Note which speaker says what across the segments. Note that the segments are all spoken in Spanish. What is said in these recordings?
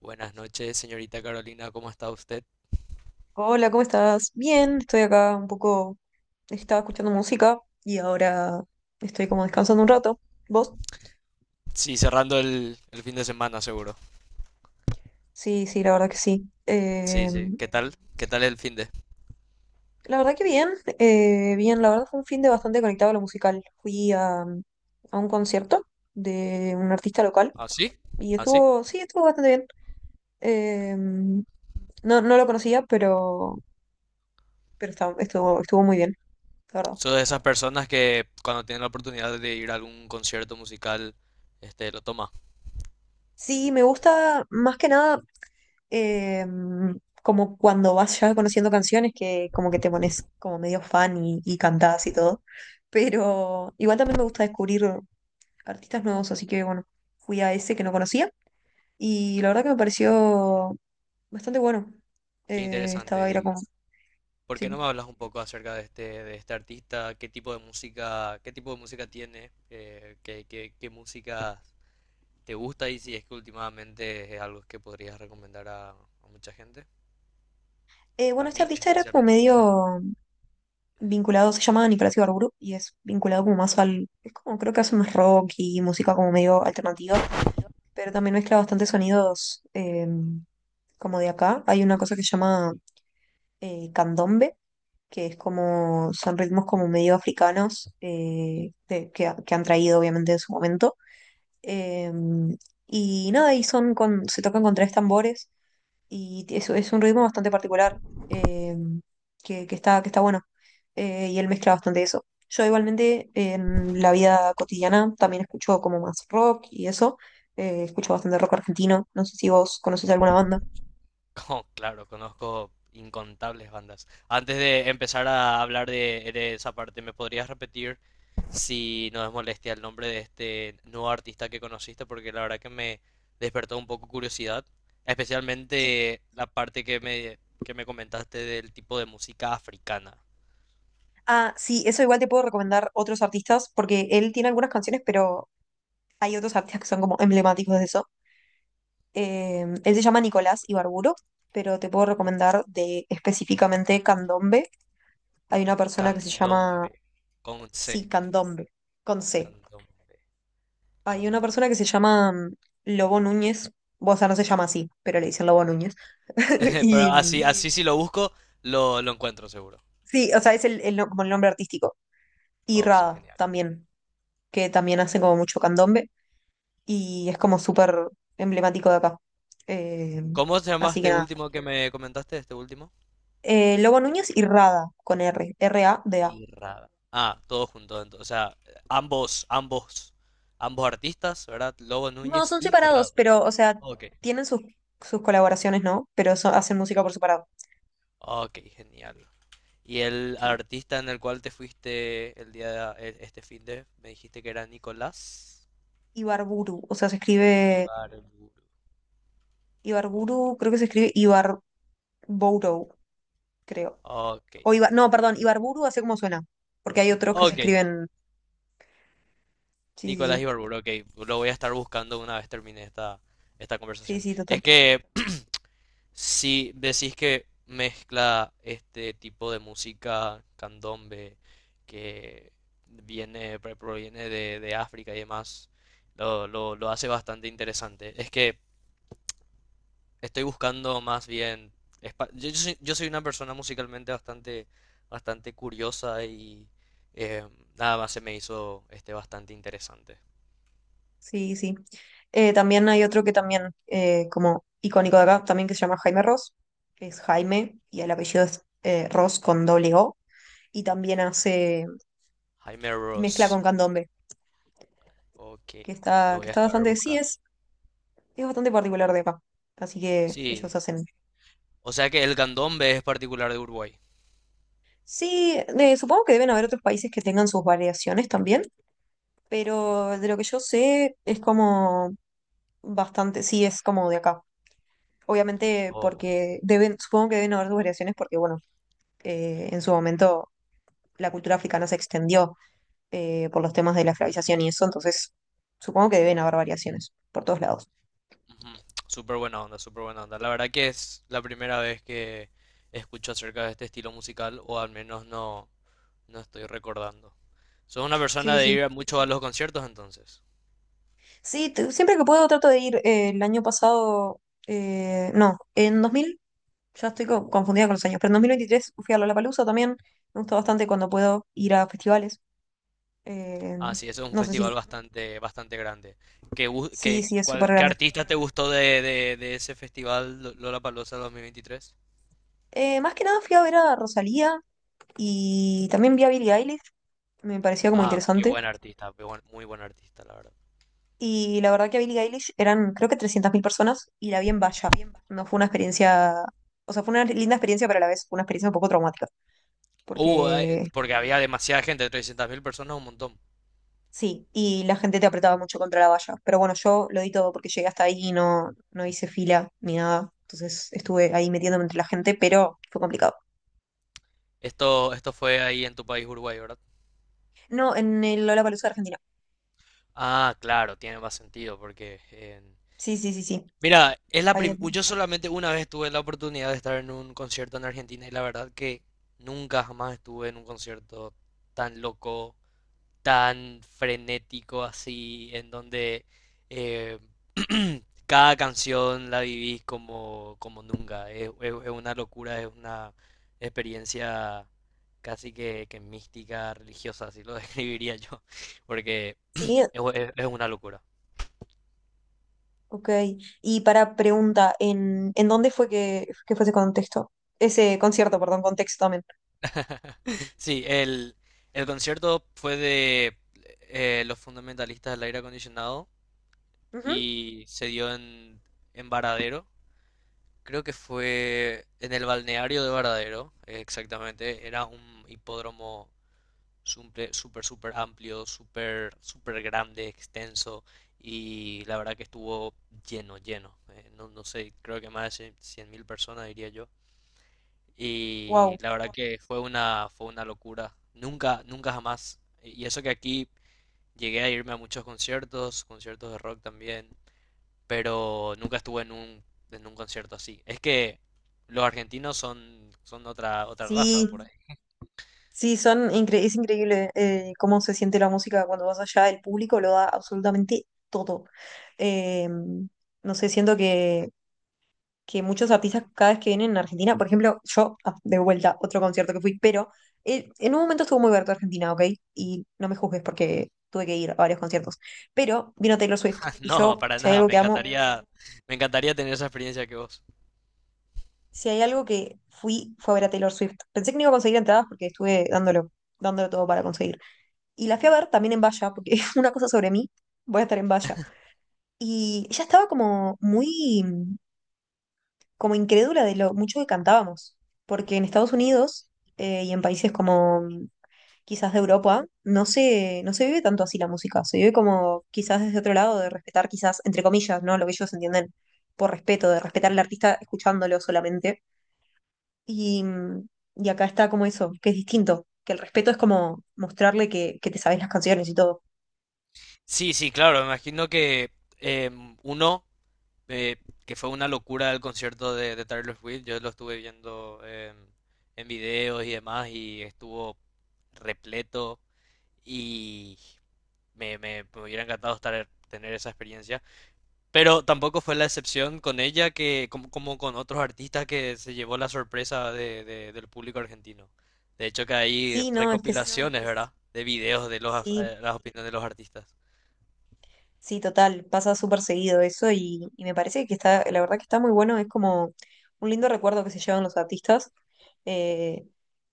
Speaker 1: Buenas noches, señorita Carolina, ¿cómo está usted?
Speaker 2: Hola, ¿cómo estás? Bien, estoy acá un poco, estaba escuchando música y ahora estoy como descansando un rato. ¿Vos?
Speaker 1: Sí, cerrando el fin de semana, seguro.
Speaker 2: Sí, sí, la verdad que sí.
Speaker 1: Sí, sí. ¿Qué tal? ¿Qué tal el fin de?
Speaker 2: La verdad que bien, bien, la verdad fue un fin de bastante conectado a lo musical. Fui a un concierto de un artista local
Speaker 1: ¿Ah, sí?
Speaker 2: y
Speaker 1: ¿Ah, sí?
Speaker 2: estuvo, sí, estuvo bastante bien. No, no lo conocía, pero, estuvo, estuvo muy bien, la verdad.
Speaker 1: Soy de esas personas que cuando tienen la oportunidad de ir a algún concierto musical, lo toma.
Speaker 2: Sí, me gusta más que nada. eh, Como cuando vas ya conociendo canciones que como que te pones como medio fan y cantás y todo. Pero igual también me gusta descubrir artistas nuevos, así que bueno, fui a ese que no conocía y la verdad que me pareció bastante bueno.
Speaker 1: Qué interesante.
Speaker 2: Era
Speaker 1: ¿Y
Speaker 2: como,
Speaker 1: por qué no
Speaker 2: sí.
Speaker 1: me hablas un poco acerca de este artista? ¿Qué tipo de música, qué tipo de música tiene? ¿Qué música te gusta? Y si es que últimamente es algo que podrías recomendar a mucha gente. A
Speaker 2: Bueno, este
Speaker 1: mí
Speaker 2: artista era como
Speaker 1: especialmente.
Speaker 2: medio vinculado, se llama Nicolás Ibarburu y es vinculado como más al, es como creo que hace más rock y música como medio alternativa, pero también mezcla bastantes sonidos como de acá, hay una cosa que se llama candombe, que es como, son ritmos como medio africanos que han traído obviamente en su momento. Eh, y nada, y son con, se tocan con 3 tambores y es un ritmo bastante particular eh, que está bueno. Y él mezcla bastante eso. Yo igualmente en la vida cotidiana también escucho como más rock y eso. Escucho bastante rock argentino. No sé si vos conoces alguna banda.
Speaker 1: Oh, claro, conozco incontables bandas. Antes de empezar a hablar de esa parte, ¿me podrías repetir si no es molestia el nombre de este nuevo artista que conociste? Porque la verdad que me despertó un poco curiosidad, especialmente la parte que me comentaste del tipo de música africana.
Speaker 2: Ah, sí, eso igual te puedo recomendar otros artistas, porque él tiene algunas canciones, pero hay otros artistas que son como emblemáticos de eso. Él se llama Nicolás Ibarburo, pero te puedo recomendar de específicamente candombe. Hay una persona que se llama,
Speaker 1: Candombe, con C.
Speaker 2: sí, candombe, con C.
Speaker 1: Candombe,
Speaker 2: Hay una
Speaker 1: candombe.
Speaker 2: persona que se llama Lobo Núñez, o sea, no se llama así, pero le dicen Lobo Núñez.
Speaker 1: Pero
Speaker 2: Y
Speaker 1: así, así. Sí, si lo busco, lo encuentro seguro.
Speaker 2: sí, o sea, es el como el nombre artístico. Y
Speaker 1: Oh, sí,
Speaker 2: Rada
Speaker 1: genial.
Speaker 2: también, que también hace como mucho candombe. Y es como súper emblemático de acá. Eh,
Speaker 1: ¿Cómo se llama
Speaker 2: Así que
Speaker 1: este
Speaker 2: nada.
Speaker 1: último que me comentaste? Este último.
Speaker 2: Lobo Núñez y Rada con R, Rada.
Speaker 1: Y Rada. Ah, todo junto, entonces, o sea, ambos, ambos, ambos artistas, ¿verdad? Lobo
Speaker 2: No,
Speaker 1: Núñez
Speaker 2: son
Speaker 1: y
Speaker 2: separados,
Speaker 1: Rado.
Speaker 2: pero, o sea,
Speaker 1: Ok.
Speaker 2: tienen sus, sus colaboraciones, ¿no? Hacen música por separado.
Speaker 1: Ok, genial. Y el
Speaker 2: Sí.
Speaker 1: artista en el cual te fuiste el día de, este fin de, me dijiste que era Nicolás
Speaker 2: Ibarburu, o sea, se escribe
Speaker 1: Ibarburu. Ok.
Speaker 2: Ibarburu, creo que se escribe Ibarburu, creo.
Speaker 1: Ok.
Speaker 2: No, perdón, Ibarburu así como suena, porque hay otros que se
Speaker 1: Ok.
Speaker 2: escriben. Sí, sí,
Speaker 1: Nicolás
Speaker 2: sí.
Speaker 1: Ibarburu, ok. Lo voy a estar buscando una vez termine esta
Speaker 2: Sí,
Speaker 1: conversación.
Speaker 2: sí, total.
Speaker 1: Es que si decís que mezcla este tipo de música candombe que viene, proviene de África y demás, lo hace bastante interesante. Es que estoy buscando más bien... Yo soy, yo soy una persona musicalmente bastante, bastante curiosa y eh, nada más se me hizo bastante interesante.
Speaker 2: Sí, sí. También hay otro que también, como icónico de acá, también que se llama Jaime Ross. Que Es Jaime y el apellido es Ross con doble O. Y también hace
Speaker 1: Jaime
Speaker 2: mezcla
Speaker 1: Ross.
Speaker 2: con candombe,
Speaker 1: Ok, lo
Speaker 2: que
Speaker 1: voy a
Speaker 2: está
Speaker 1: estar
Speaker 2: bastante, sí,
Speaker 1: buscando.
Speaker 2: es bastante particular de acá. Así que ellos
Speaker 1: Sí,
Speaker 2: hacen.
Speaker 1: o sea que el candombe es particular de Uruguay.
Speaker 2: Sí, de- supongo que deben haber otros países que tengan sus variaciones también, pero de lo que yo sé es como bastante, sí, es como de acá. Obviamente
Speaker 1: Oh,
Speaker 2: porque deben, supongo que deben haber sus variaciones porque, bueno en su momento la cultura africana se extendió por los temas de la esclavización y eso, entonces supongo que deben haber variaciones por todos lados.
Speaker 1: ujú. Súper buena onda, súper buena onda. La verdad que es la primera vez que escucho acerca de este estilo musical, o al menos no, no estoy recordando. ¿Sos una persona
Speaker 2: Sí,
Speaker 1: de
Speaker 2: sí.
Speaker 1: ir mucho a los conciertos entonces?
Speaker 2: Sí, siempre que puedo trato de ir. El año pasado, no, en 2000, ya estoy confundida con los años, pero en 2023 fui a Lollapalooza también. Me gusta bastante cuando puedo ir a festivales. eh,
Speaker 1: Ah, sí, eso es un
Speaker 2: no sé
Speaker 1: festival
Speaker 2: si...
Speaker 1: bastante, bastante grande. ¿Qué, gu-
Speaker 2: Sí,
Speaker 1: qué,
Speaker 2: sí, es súper
Speaker 1: cuál- qué
Speaker 2: grande.
Speaker 1: artista te gustó de ese festival Lollapalooza 2023?
Speaker 2: Más que nada fui a ver a Rosalía y también vi a Billie Eilish. Me pareció como
Speaker 1: Ah, qué
Speaker 2: interesante.
Speaker 1: buen artista, muy buen artista, la verdad.
Speaker 2: Y la verdad que a Billie Eilish eran creo que 300.000 personas y la vi en valla. No fue una experiencia, o sea, fue una linda experiencia, pero a la vez fue una experiencia un poco traumática,
Speaker 1: Uh, eh,
Speaker 2: porque
Speaker 1: porque había demasiada gente, 300.000 personas, un montón.
Speaker 2: sí, y la gente te apretaba mucho contra la valla. Pero bueno, yo lo di todo porque llegué hasta ahí y no, no hice fila ni nada. Entonces estuve ahí metiéndome entre la gente, pero fue complicado.
Speaker 1: Esto fue ahí en tu país, Uruguay, ¿verdad?
Speaker 2: No, en el Lollapalooza de Argentina.
Speaker 1: Ah, claro, tiene más sentido porque...
Speaker 2: Sí, sí, sí, sí.
Speaker 1: Mira, es la
Speaker 2: Ahí en-
Speaker 1: yo solamente una vez tuve la oportunidad de estar en un concierto en Argentina y la verdad que nunca jamás estuve en un concierto tan loco, tan frenético así, en donde eh, cada canción la vivís como nunca. Es una locura, es una experiencia casi que mística, religiosa, así lo describiría yo, porque
Speaker 2: sí,
Speaker 1: es una locura.
Speaker 2: ok. Y para pregunta, en dónde fue que fue ese contexto? Ese concierto, perdón, contexto también.
Speaker 1: Sí, el concierto fue de Los Fundamentalistas del Aire Acondicionado
Speaker 2: Ujú.
Speaker 1: y se dio en Varadero. Creo que fue en el balneario de Varadero, exactamente. Era un hipódromo súper, súper, súper amplio, súper, súper grande, extenso. Y la verdad que estuvo lleno, lleno. No, no sé, creo que más de 100.000 personas, diría yo. Y
Speaker 2: Wow,
Speaker 1: la verdad que fue una locura. Nunca, nunca jamás. Y eso que aquí llegué a irme a muchos conciertos, conciertos de rock también, pero nunca estuve en un concierto así. Es que los argentinos son otra raza
Speaker 2: sí,
Speaker 1: por ahí.
Speaker 2: sí, es increíble cómo se siente la música cuando vas allá, el público lo da absolutamente todo. Eh, no sé, siento que muchos artistas cada vez que vienen a Argentina, por ejemplo, yo, ah, de vuelta, otro concierto que fui, pero en un momento estuvo muy abierto a Argentina, ¿ok? Y no me juzgues porque tuve que ir a varios conciertos, pero vino Taylor Swift y
Speaker 1: No,
Speaker 2: yo,
Speaker 1: para
Speaker 2: si hay
Speaker 1: nada.
Speaker 2: algo que amo,
Speaker 1: Me encantaría tener esa experiencia que vos.
Speaker 2: si hay algo que fui, fue a ver a Taylor Swift. Pensé que no iba a conseguir entradas porque estuve dándolo, dándolo todo para conseguir. Y la fui a ver también en valla, porque es una cosa sobre mí, voy a estar en valla. Y ella estaba como muy, como incrédula de lo mucho que cantábamos, porque en Estados Unidos y en países como quizás de Europa, no se, no se vive tanto así la música, se vive como quizás desde otro lado, de respetar quizás, entre comillas, ¿no? Lo que ellos entienden por respeto, de respetar al artista escuchándolo solamente. Y, mm, y acá está como eso, que es distinto, que el respeto es como mostrarle que te sabes las canciones y todo.
Speaker 1: Sí, sí, claro. Me imagino que uno eh, que fue una locura el concierto de Taylor Swift. Yo lo estuve viendo en videos y demás y estuvo repleto y me hubiera encantado estar, tener esa experiencia. Pero tampoco fue la excepción con ella que como con otros artistas que se llevó la sorpresa del público argentino. De hecho que hay,
Speaker 2: Sí,
Speaker 1: no,
Speaker 2: no, es que es
Speaker 1: recopilaciones, ¿verdad? De videos de los,
Speaker 2: sí,
Speaker 1: eh, las opiniones de los artistas.
Speaker 2: sí, total, pasa súper seguido eso y me parece que está, la verdad que está muy bueno, es como un lindo recuerdo que se llevan los artistas, eh,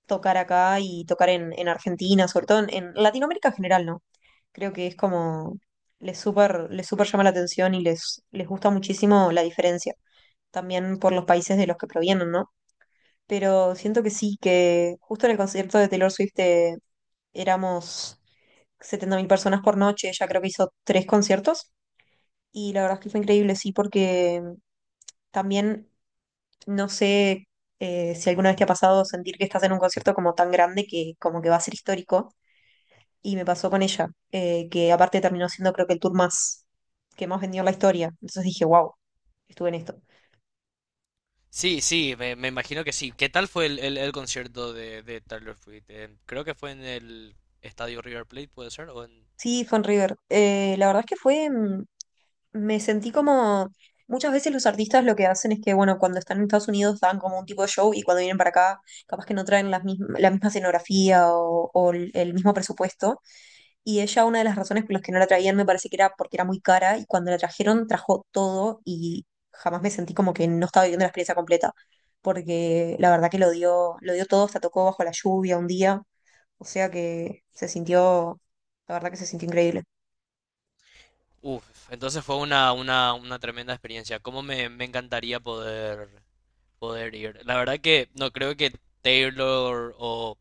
Speaker 2: tocar acá y tocar en Argentina, sobre todo en Latinoamérica en general, ¿no? Creo que es como, les súper llama la atención les gusta muchísimo la diferencia, también por los países de los que provienen, ¿no? Pero siento que sí, que justo en el concierto de Taylor Swift éramos 70.000 personas por noche, ella creo que hizo 3 conciertos. Y la verdad es que fue increíble, sí, porque también no sé si alguna vez te ha pasado sentir que estás en un concierto como tan grande que como que va a ser histórico. Y me pasó con ella, que aparte terminó siendo creo que el tour más que más vendió en la historia. Entonces dije, wow, estuve en esto.
Speaker 1: Sí, sí, me imagino que sí. ¿Qué tal fue el concierto de Taylor Swift? Creo que fue en el estadio River Plate, puede ser, o en...
Speaker 2: Sí, fue en River. La verdad es que fue, me sentí como, muchas veces los artistas lo que hacen es que, bueno, cuando están en Estados Unidos dan como un tipo de show y cuando vienen para acá, capaz que no traen la misma escenografía o el mismo presupuesto. Y ella, una de las razones por las que no la traían, me parece que era porque era muy cara, y cuando la trajeron, trajo todo, y jamás me sentí como que no estaba viviendo la experiencia completa, porque la verdad que lo dio todo, hasta tocó bajo la lluvia un día, o sea que se sintió, la verdad que se sintió increíble.
Speaker 1: Uf, entonces fue una tremenda experiencia. Cómo me encantaría poder ir. La verdad que no creo que Taylor o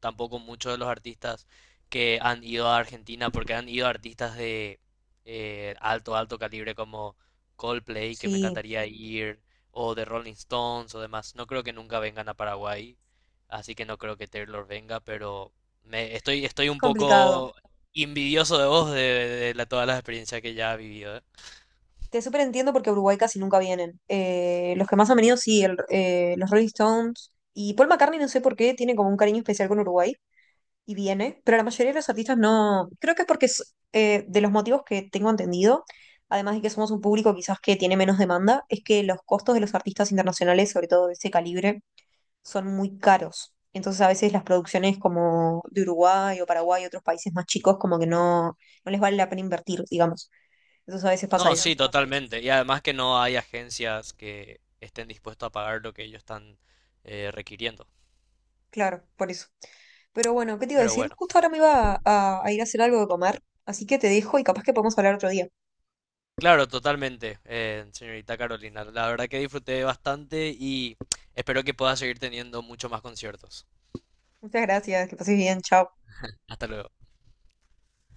Speaker 1: tampoco muchos de los artistas que han ido a Argentina, porque han ido artistas de alto, alto calibre como Coldplay, que me
Speaker 2: Sí,
Speaker 1: encantaría ir, o de Rolling Stones o demás. No creo que nunca vengan a Paraguay, así que no creo que Taylor venga, pero estoy
Speaker 2: es
Speaker 1: un
Speaker 2: complicado.
Speaker 1: poco envidioso de vos todas las experiencias que ya has vivido, ¿eh?
Speaker 2: Te súper entiendo porque a Uruguay casi nunca vienen. Los que más han venido, sí, los Rolling Stones. Y Paul McCartney, no sé por qué, tiene como un cariño especial con Uruguay. Y viene, pero la mayoría de los artistas no, creo que es porque es, de los motivos que tengo entendido, además de que somos un público quizás que tiene menos demanda, es que los costos de los artistas internacionales, sobre todo de ese calibre, son muy caros. Entonces a veces las producciones como de Uruguay o Paraguay y otros países más chicos como que no, no les vale la pena invertir, digamos. Entonces a veces pasa
Speaker 1: No,
Speaker 2: eso.
Speaker 1: sí, totalmente. Y además que no hay agencias que estén dispuestas a pagar lo que ellos están requiriendo.
Speaker 2: Claro, por eso. Pero bueno, ¿qué te iba a
Speaker 1: Pero
Speaker 2: decir?
Speaker 1: bueno.
Speaker 2: Justo ahora me iba a ir a hacer algo de comer, así que te dejo y capaz que podemos hablar otro día.
Speaker 1: Claro, totalmente, señorita Carolina. La verdad que disfruté bastante y espero que pueda seguir teniendo muchos más conciertos.
Speaker 2: Muchas gracias, que pases bien, chao.
Speaker 1: Hasta luego.